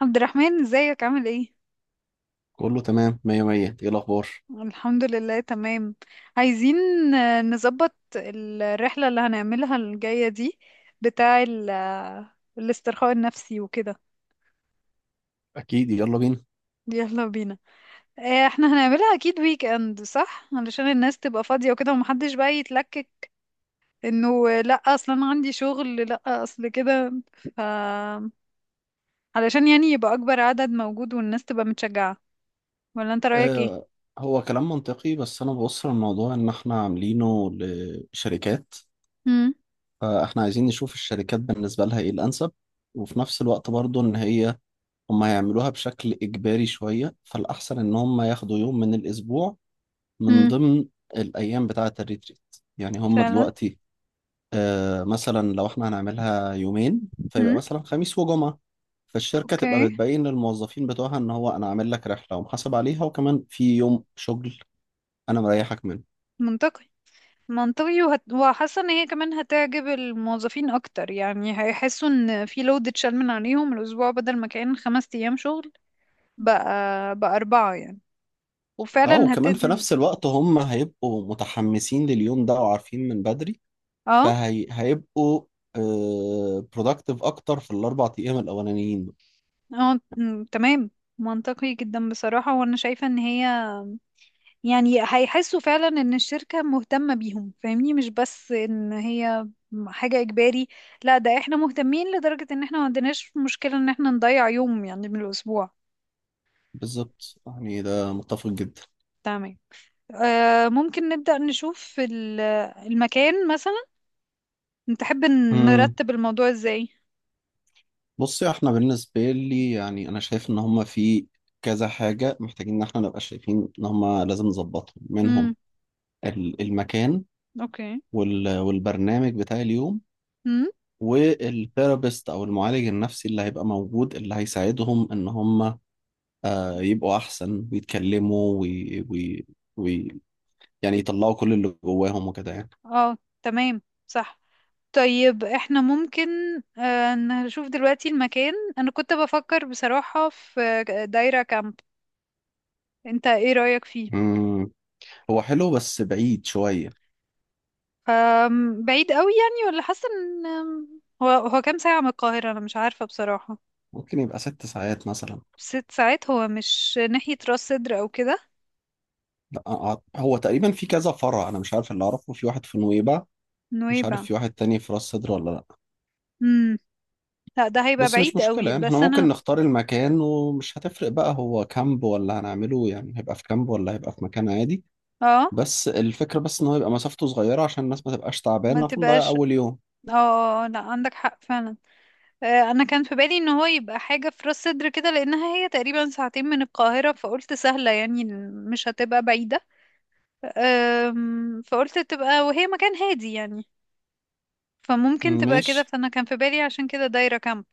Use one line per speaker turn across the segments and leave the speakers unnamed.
عبد الرحمن، ازيك؟ عامل ايه؟
كله تمام مية مية. ايه الأخبار؟
الحمد لله، تمام. عايزين. نظبط الرحلة اللي هنعملها الجاية دي. بتاع الاسترخاء النفسي وكده.
أكيد، يلا بينا.
يلا بينا. احنا هنعملها اكيد ويك اند، صح؟ علشان الناس تبقى فاضية وكده ومحدش بقى يتلكك انه آه، لا، اصلا انا عندي شغل، لا اصل كده. ف علشان يعني يبقى اكبر عدد موجود والناس تبقى متشجعة. ولا انت رأيك ايه؟
آه هو كلام منطقي، بس أنا ببص للموضوع إن إحنا عاملينه لشركات،
امم.
فإحنا عايزين نشوف الشركات بالنسبة لها إيه الأنسب. وفي نفس الوقت برضو إن هي هم هيعملوها بشكل إجباري شوية، فالأحسن إن هم ياخدوا يوم من الأسبوع من
امم.
ضمن الأيام بتاعة الريتريت. يعني هم
فعلا.
دلوقتي، مثلا لو إحنا هنعملها يومين فيبقى
امم.
مثلا خميس وجمعة. فالشركة تبقى
اوكي.
بتبين للموظفين بتوعها ان هو انا عامل لك رحلة ومحاسب عليها وكمان في يوم شغل انا مريحك منه.
منطقي. منطقي. وحاسه ان هي كمان هتعجب الموظفين اكتر، يعني هيحسوا ان في لود اتشال من عليهم الاسبوع بدل ما كان 5 ايام شغل. بقى بقى 4 يعني.
اه،
وفعلا
وكمان في
هتدني.
نفس الوقت هم هيبقوا متحمسين لليوم ده وعارفين من بدري،
اه،
فهيبقوا برودكتيف اكتر في الاربع ايام الاولانيين.
اه، تمام. منطقي جدا بصراحه، وانا شايفه ان هي يعني هيحسوا فعلا ان الشركه مهتمه بيهم، فاهمني؟ مش بس ان هي حاجه اجباري، لا، ده احنا مهتمين لدرجه ان احنا ما عندناش مشكله ان احنا نضيع يوم يعني من الاسبوع.
بالظبط، يعني ده متفق جدا.
تمام. ممكن نبدأ نشوف المكان مثلا، نتحب
امم
نرتب الموضوع ازاي.
بصي، احنا بالنسبة لي يعني انا شايف ان هم في كذا حاجة محتاجين ان احنا نبقى شايفين ان هم لازم نظبطهم
امم.
منهم. المكان
اوكي.
والبرنامج بتاع اليوم،
امم.
والثيرابيست او المعالج النفسي اللي هيبقى موجود اللي هيساعدهم ان هم يبقوا احسن ويتكلموا وي وي وي يعني يطلعوا كل اللي جواهم وكده يعني.
اه. تمام. صح. طيب، احنا ممكن نشوف دلوقتي المكان. انا كنت بفكر بصراحة في دايرة كامب، انت ايه رأيك فيه؟
مم. هو حلو بس بعيد شوية.
بعيد قوي يعني؟ ولا حاسة ان أم، هو هو كام ساعة من القاهرة؟ انا مش عارفة بصراحة.
ممكن يبقى ست ساعات مثلا.
6 ساعات؟ هو مش ناحية راس سدر او كده؟
لا، هو تقريبا في كذا فرع، انا مش عارف، اللي اعرفه في واحد في نويبع. مش عارف
نويبع؟
في واحد تاني في راس سدر ولا لا.
امم. لا، ده هيبقى
بس مش
بعيد
مشكلة،
قوي،
يعني احنا
بس
ممكن
انا
نختار المكان، ومش هتفرق بقى هو كامب ولا هنعمله، يعني هيبقى في كامب ولا هيبقى في مكان عادي.
اه،
بس الفكرة بس ان هو يبقى مسافته صغيرة عشان الناس ما تبقاش
ما
تعبانة فنضيع
تبقاش
اول يوم.
اه، اه، لا، عندك حق فعلا. انا كان في بالي ان هو يبقى حاجة في راس صدر كده، لانها هي تقريبا ساعتين من القاهرة، فقلت سهلة يعني، مش هتبقى بعيدة. فقلت تبقى، وهي مكان هادي يعني، فممكن تبقى كده.
ماشي.
فانا كان في بالي عشان كده دايرة كامب.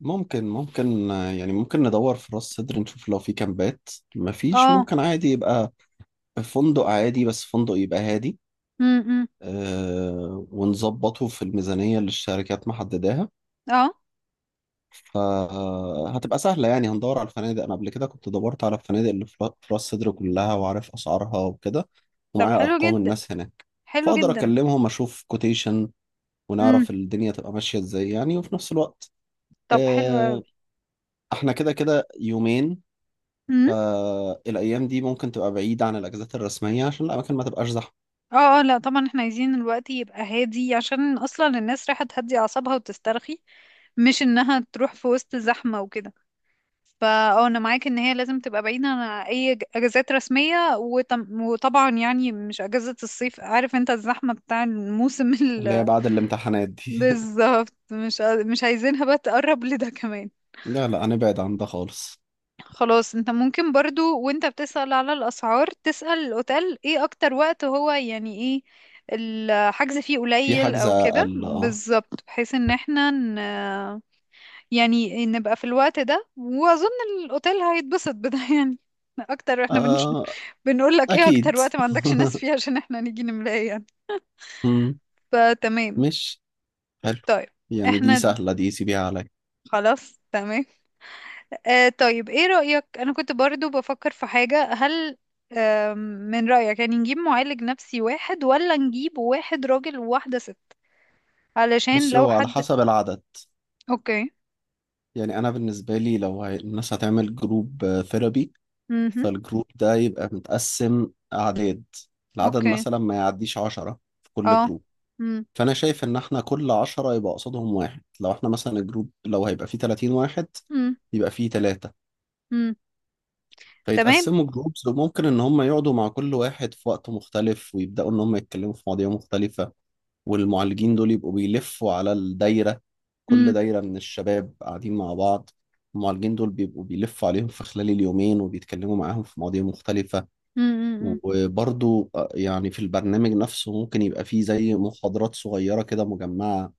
ممكن يعني ممكن ندور في راس سدر نشوف لو في كامبات، مفيش
اه.
ممكن عادي يبقى فندق عادي، بس فندق يبقى هادي.
امم.
اه، ونظبطه في الميزانية اللي الشركات محددها.
اه.
فهتبقى سهلة، يعني هندور على الفنادق. أنا قبل كده كنت دورت على الفنادق اللي في راس سدر كلها، وعارف أسعارها وكده.
طب
ومعايا
حلو
أرقام
جدا،
الناس هناك،
حلو
فأقدر
جدا.
أكلمهم أشوف كوتيشن،
امم.
ونعرف الدنيا تبقى ماشية إزاي يعني. وفي نفس الوقت
طب حلو اوي.
آه، إحنا كده كده يومين،
امم.
فالأيام دي ممكن تبقى بعيدة عن الأجازات الرسمية عشان الأماكن ما تبقاش زحمة.
اه، اه، لا، طبعا احنا عايزين الوقت يبقى هادي، عشان اصلا الناس رايحة تهدي اعصابها وتسترخي، مش انها تروح في وسط زحمة وكده. فاه، انا معاك ان هي لازم تبقى بعيدة عن اي اجازات رسمية، وطبعا يعني مش اجازة الصيف، عارف انت الزحمة بتاع الموسم
اللي هي بعد الامتحانات دي.
بالظبط، مش مش عايزينها بقى تقرب لده كمان.
لا لا، هنبعد عن ده خالص.
خلاص، انت ممكن برضو وانت بتسأل على الاسعار، تسأل الاوتيل ايه اكتر وقت هو يعني ايه الحجز فيه
في
قليل
حجز
او كده،
أقل، أه.
بالظبط، بحيث ان احنا يعني نبقى في الوقت ده. واظن الاوتيل هيتبسط بده يعني اكتر. احنا
آه،
بنقول لك ايه اكتر
أكيد.
وقت ما عندكش ناس فيه عشان احنا نيجي نملاها يعني.
مم،
فتمام.
مش حلو،
طيب
يعني دي
احنا
سهلة، دي سيبيها عليا.
خلاص تمام. آه، طيب، ايه رأيك؟ انا كنت برضو بفكر في حاجة. هل آه من رأيك يعني نجيب معالج نفسي واحد، ولا نجيب واحد راجل وواحدة ست، علشان
بص،
لو
هو على
حد.
حسب العدد.
اوكي.
يعني أنا بالنسبة لي، لو هي الناس هتعمل جروب ثيرابي،
امم.
فالجروب ده يبقى متقسم أعداد. العدد
اوكي.
مثلا ما يعديش عشرة في كل
اه.
جروب.
امم.
فأنا شايف إن إحنا كل عشرة يبقى قصادهم واحد. لو إحنا مثلا الجروب لو هيبقى فيه تلاتين واحد، يبقى فيه تلاتة،
امم. تمام.
فيتقسموا جروبز. وممكن إن هم يقعدوا مع كل واحد في وقت مختلف، ويبدأوا إن هم يتكلموا في مواضيع مختلفة. والمعالجين دول يبقوا بيلفوا على الدايرة، كل دايرة من الشباب قاعدين مع بعض. المعالجين دول بيبقوا بيلفوا عليهم في خلال اليومين وبيتكلموا معاهم في مواضيع مختلفة.
امم.
وبرضو يعني في البرنامج نفسه ممكن يبقى فيه زي محاضرات صغيرة كده مجمعة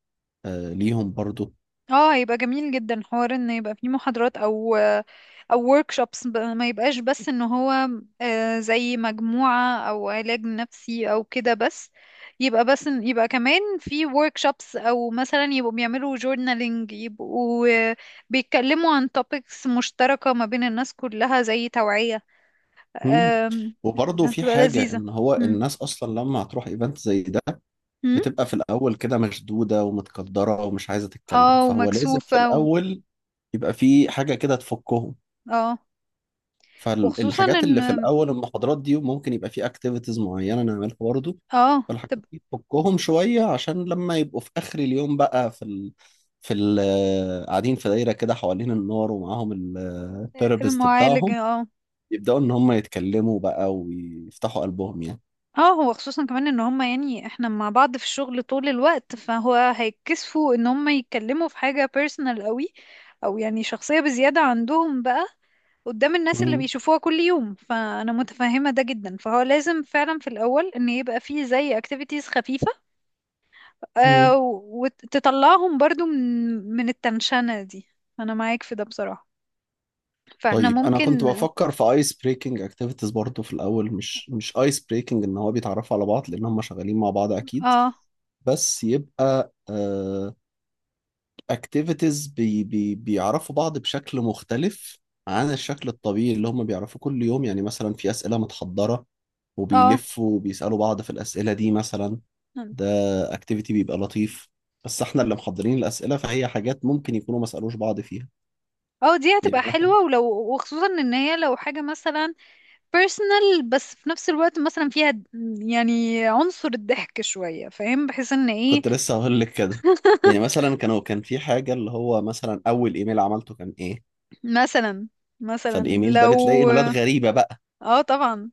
ليهم برضو.
اه، هيبقى جميل جدا حوار ان يبقى فيه محاضرات او او workshops، ما يبقاش بس ان هو زي مجموعة او علاج نفسي او كده بس. يبقى بس يبقى كمان في workshops، او مثلا يبقوا بيعملوا journaling، يبقوا بيتكلموا عن topics مشتركة ما بين الناس كلها، زي توعية.
مم.
آم،
وبرضو في
هتبقى
حاجة
لذيذة.
إن هو
مم.
الناس أصلا لما هتروح إيفنت زي ده
مم.
بتبقى في الأول كده مشدودة ومتقدرة ومش عايزة تتكلم،
اه،
فهو لازم في
ومكسوفة و...
الأول يبقى في حاجة كده تفكهم.
اه، وخصوصا
فالحاجات
ان
اللي في الاول المحاضرات دي، ممكن يبقى في اكتيفيتيز معينه نعملها برضو.
اه
فالحاجات دي تفكهم شويه، عشان لما يبقوا في اخر اليوم بقى في ال... قاعدين في دايره كده حوالين النار ومعاهم الثيرابيست
المعالج.
بتاعهم،
اه.
يبداوا ان هم يتكلموا بقى ويفتحوا قلبهم يعني.
اه، هو خصوصا كمان ان هما، يعني احنا مع بعض في الشغل طول الوقت، فهو هيتكسفوا ان هما يتكلموا في حاجة بيرسونال قوي، او يعني شخصية بزيادة، عندهم بقى قدام الناس اللي
مم.
بيشوفوها كل يوم. فانا متفهمة ده جدا، فهو لازم فعلا في الاول ان يبقى فيه زي اكتيفيتيز خفيفة. آه،
مم.
وتطلعهم برضو من من التنشنة دي. انا معاك في ده بصراحة. فاحنا
طيب، انا كنت
ممكن
بفكر في ايس بريكنج اكتيفيتيز برضو في الاول. مش ايس بريكنج ان هو بيتعرفوا على بعض لان هم شغالين مع بعض اكيد.
اه،
بس يبقى اكتيفيتيز بي بي بيعرفوا بعض بشكل مختلف عن الشكل الطبيعي اللي هم بيعرفوه كل يوم. يعني مثلا في أسئلة متحضرة،
اه،
وبيلفوا وبيسألوا بعض في الأسئلة دي مثلا. ده اكتيفيتي بيبقى لطيف، بس احنا اللي محضرين الأسئلة، فهي حاجات ممكن يكونوا ما سألوش بعض فيها.
اه، دي هتبقى
يعني مثلا،
حلوة. ولو وخصوصا ان هي لو حاجة مثلا بيرسونال، بس في نفس الوقت مثلا فيها يعني عنصر الضحك شوية، فاهم؟ بحيث ان ايه.
كنت لسه هقول لك كده. يعني مثلا كانوا كان في حاجة اللي هو مثلا أول إيميل عملته كان إيه.
مثلا. مثلا
فالإيميل ده
لو
بتلاقي إيميلات غريبة بقى.
اه، طبعا.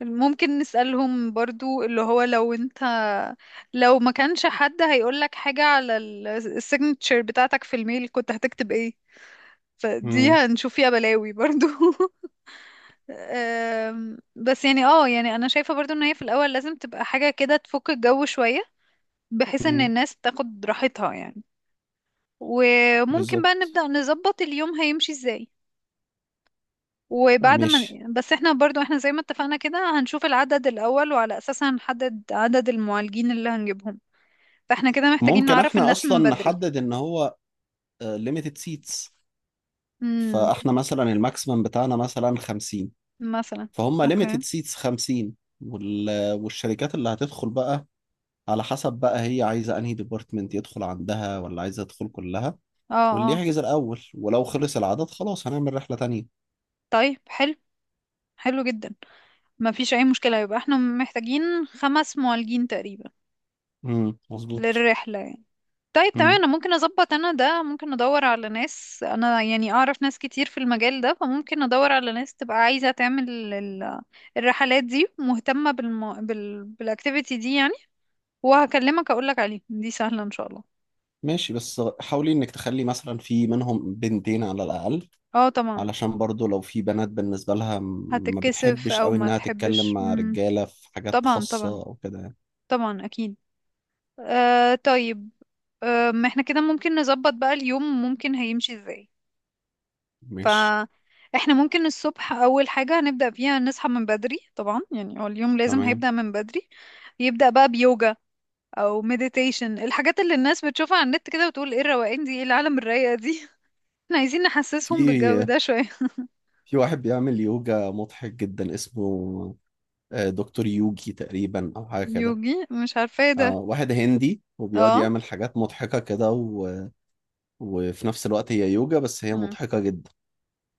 ممكن نسألهم برضو اللي هو، لو انت لو ما كانش حد هيقولك حاجة على السيجنتشر بتاعتك في الميل كنت هتكتب ايه؟ فدي
امم
هنشوف فيها بلاوي برضو. بس يعني يعني انا شايفة برضو ان هي في الاول لازم تبقى حاجة كده تفك الجو شوية، بحيث ان
امم
الناس تاخد راحتها يعني. وممكن بقى
بالظبط.
نبدأ نظبط اليوم هيمشي ازاي. وبعد ما
ماشي.
بس احنا برضو، احنا زي ما اتفقنا كده، هنشوف العدد الأول وعلى أساسها هنحدد عدد المعالجين اللي هنجيبهم. فاحنا كده محتاجين
ممكن
نعرف
احنا
الناس
اصلا
من بدري.
نحدد ان هو ليميتد سيتس.
امم.
فاحنا مثلا الماكسيمم بتاعنا مثلا 50،
مثلا.
فهم ليميتد
اوكي.
سيتس 50. والشركات اللي هتدخل بقى، على حسب بقى هي عايزه انهي ديبارتمنت يدخل عندها ولا عايزه تدخل كلها،
اه.
واللي
اه.
يحجز الاول. ولو خلص العدد خلاص هنعمل رحله تانية.
طيب، حلو. حلو جدا. ما فيش اي مشكلة، يبقى احنا محتاجين 5 معالجين تقريبا
مظبوط.
للرحلة يعني. طيب تمام.
امم
انا ممكن اظبط، انا ده ممكن ادور على ناس، انا يعني اعرف ناس كتير في المجال ده، فممكن ادور على ناس تبقى عايزة تعمل الرحلات دي، مهتمة بالاكتيفيتي دي يعني. وهكلمك اقولك عليه، دي سهلة ان شاء الله.
ماشي. بس حاولي انك تخلي مثلا في منهم بنتين على الاقل،
اه، طبعا.
علشان برضو لو في بنات بالنسبة لها، ما
هتتكسف
بتحبش
او
قوي
ما
انها تتكلم
تحبش.
مع
مم.
رجالة في حاجات
طبعا، طبعا،
خاصة او كده يعني.
طبعا، اكيد. آه، طيب. آه، ما احنا كده ممكن نظبط بقى اليوم ممكن هيمشي ازاي.
ماشي،
فاحنا ممكن الصبح اول حاجة هنبدأ بيها نصحى من بدري، طبعا يعني هو اليوم لازم
تمام.
هيبدأ من بدري. يبدأ بقى بيوجا او مديتيشن، الحاجات اللي الناس بتشوفها على النت كده، وتقول ايه الروقان دي، ايه العالم الرايقة دي. احنا عايزين نحسسهم بالجو
في
ده شوية.
في واحد بيعمل يوجا مضحك جدا اسمه دكتور يوجي تقريبا او حاجة كده.
يوجي، مش عارفة ايه ده.
واحد هندي وبيقعد
اه.
يعمل حاجات مضحكة كده، و... وفي نفس الوقت هي يوجا، بس هي
مم.
مضحكة جدا.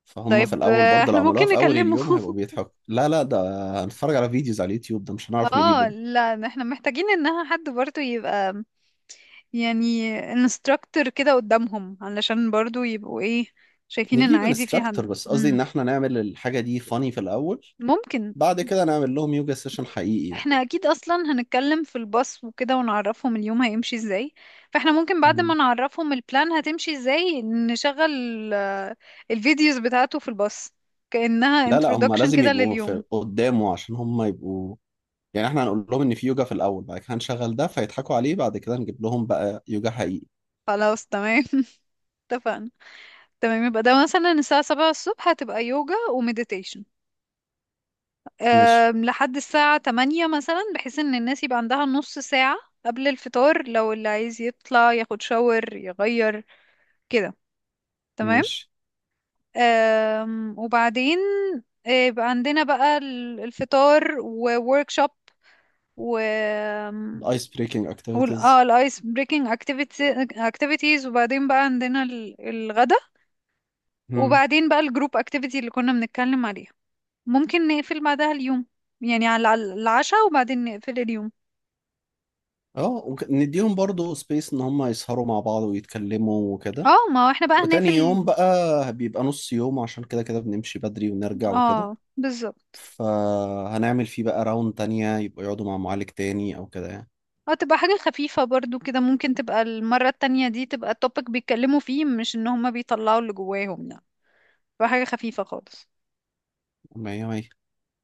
فهم في
طيب
الأول برضه لو
احنا
عملوها
ممكن
في أول
نكلمه.
اليوم هيبقوا بيضحكوا. لا لا ده هنتفرج على فيديوز على اليوتيوب، ده مش هنعرف نجيبه
اه،
ده.
لا، احنا محتاجين انها حد برضو يبقى، يعني انستراكتور كده قدامهم، علشان برضو يبقوا ايه، شايفين ان
نجيب
عادي في
انستراكتور،
حد.
بس قصدي ان احنا نعمل الحاجه دي فاني في الاول.
ممكن.
بعد كده نعمل لهم يوجا سيشن حقيقي يعني.
احنا اكيد اصلا هنتكلم في الباص وكده ونعرفهم اليوم هيمشي ازاي، فاحنا ممكن بعد ما
مم.
نعرفهم البلان هتمشي ازاي، نشغل آه، الفيديوز بتاعته في الباص، كأنها
لا لا، هم
introduction
لازم
كده
يبقوا
لليوم.
في قدامه عشان هم يبقوا، يعني احنا هنقول لهم ان في يوجا في الاول، بعد كده هنشغل ده فيضحكوا عليه، بعد كده نجيب لهم بقى يوجا حقيقي.
خلاص تمام. اتفقنا. تمام، يبقى ده مثلا الساعة 7 الصبح هتبقى يوجا وميديتيشن.
مش
لحد الساعة 8 مثلا، بحيث ان الناس يبقى عندها نص ساعة قبل الفطار، لو اللي عايز يطلع ياخد شاور يغير كده. تمام.
مش
آم، وبعدين يبقى عندنا بقى الفطار ووركشوب و
الايس بريكنج اكتيفيتيز.
الايس بريكنج اكتيفيتيز. وبعدين بقى عندنا الغدا.
مم.
وبعدين بقى الجروب اكتيفيتي اللي كنا بنتكلم عليها، ممكن نقفل بعدها اليوم يعني على العشاء وبعدين نقفل اليوم.
اه، ونديهم برضو سبيس ان هم يسهروا مع بعض ويتكلموا وكده.
اه، ما هو احنا بقى
وتاني يوم
هنقفل.
بقى بيبقى نص يوم، عشان كده كده بنمشي بدري ونرجع وكده.
اه، بالظبط.
فهنعمل فيه بقى راوند تانية يبقى يقعدوا مع معالج تاني أو كده يعني.
اه، تبقى حاجة خفيفة برضو كده، ممكن تبقى المرة التانية دي تبقى التوبيك بيتكلموا فيه مش ان هما بيطلعوا اللي جواهم يعني، بحاجة خفيفة خالص.
مية مية.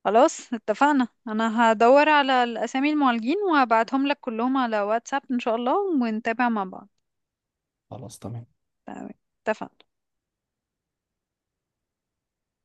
خلاص، اتفقنا. انا هدور على الاسامي المعالجين وهبعتهم لك كلهم على واتساب ان شاء الله، ونتابع مع بعض.
خلاص تمام.
تمام. اتفقنا.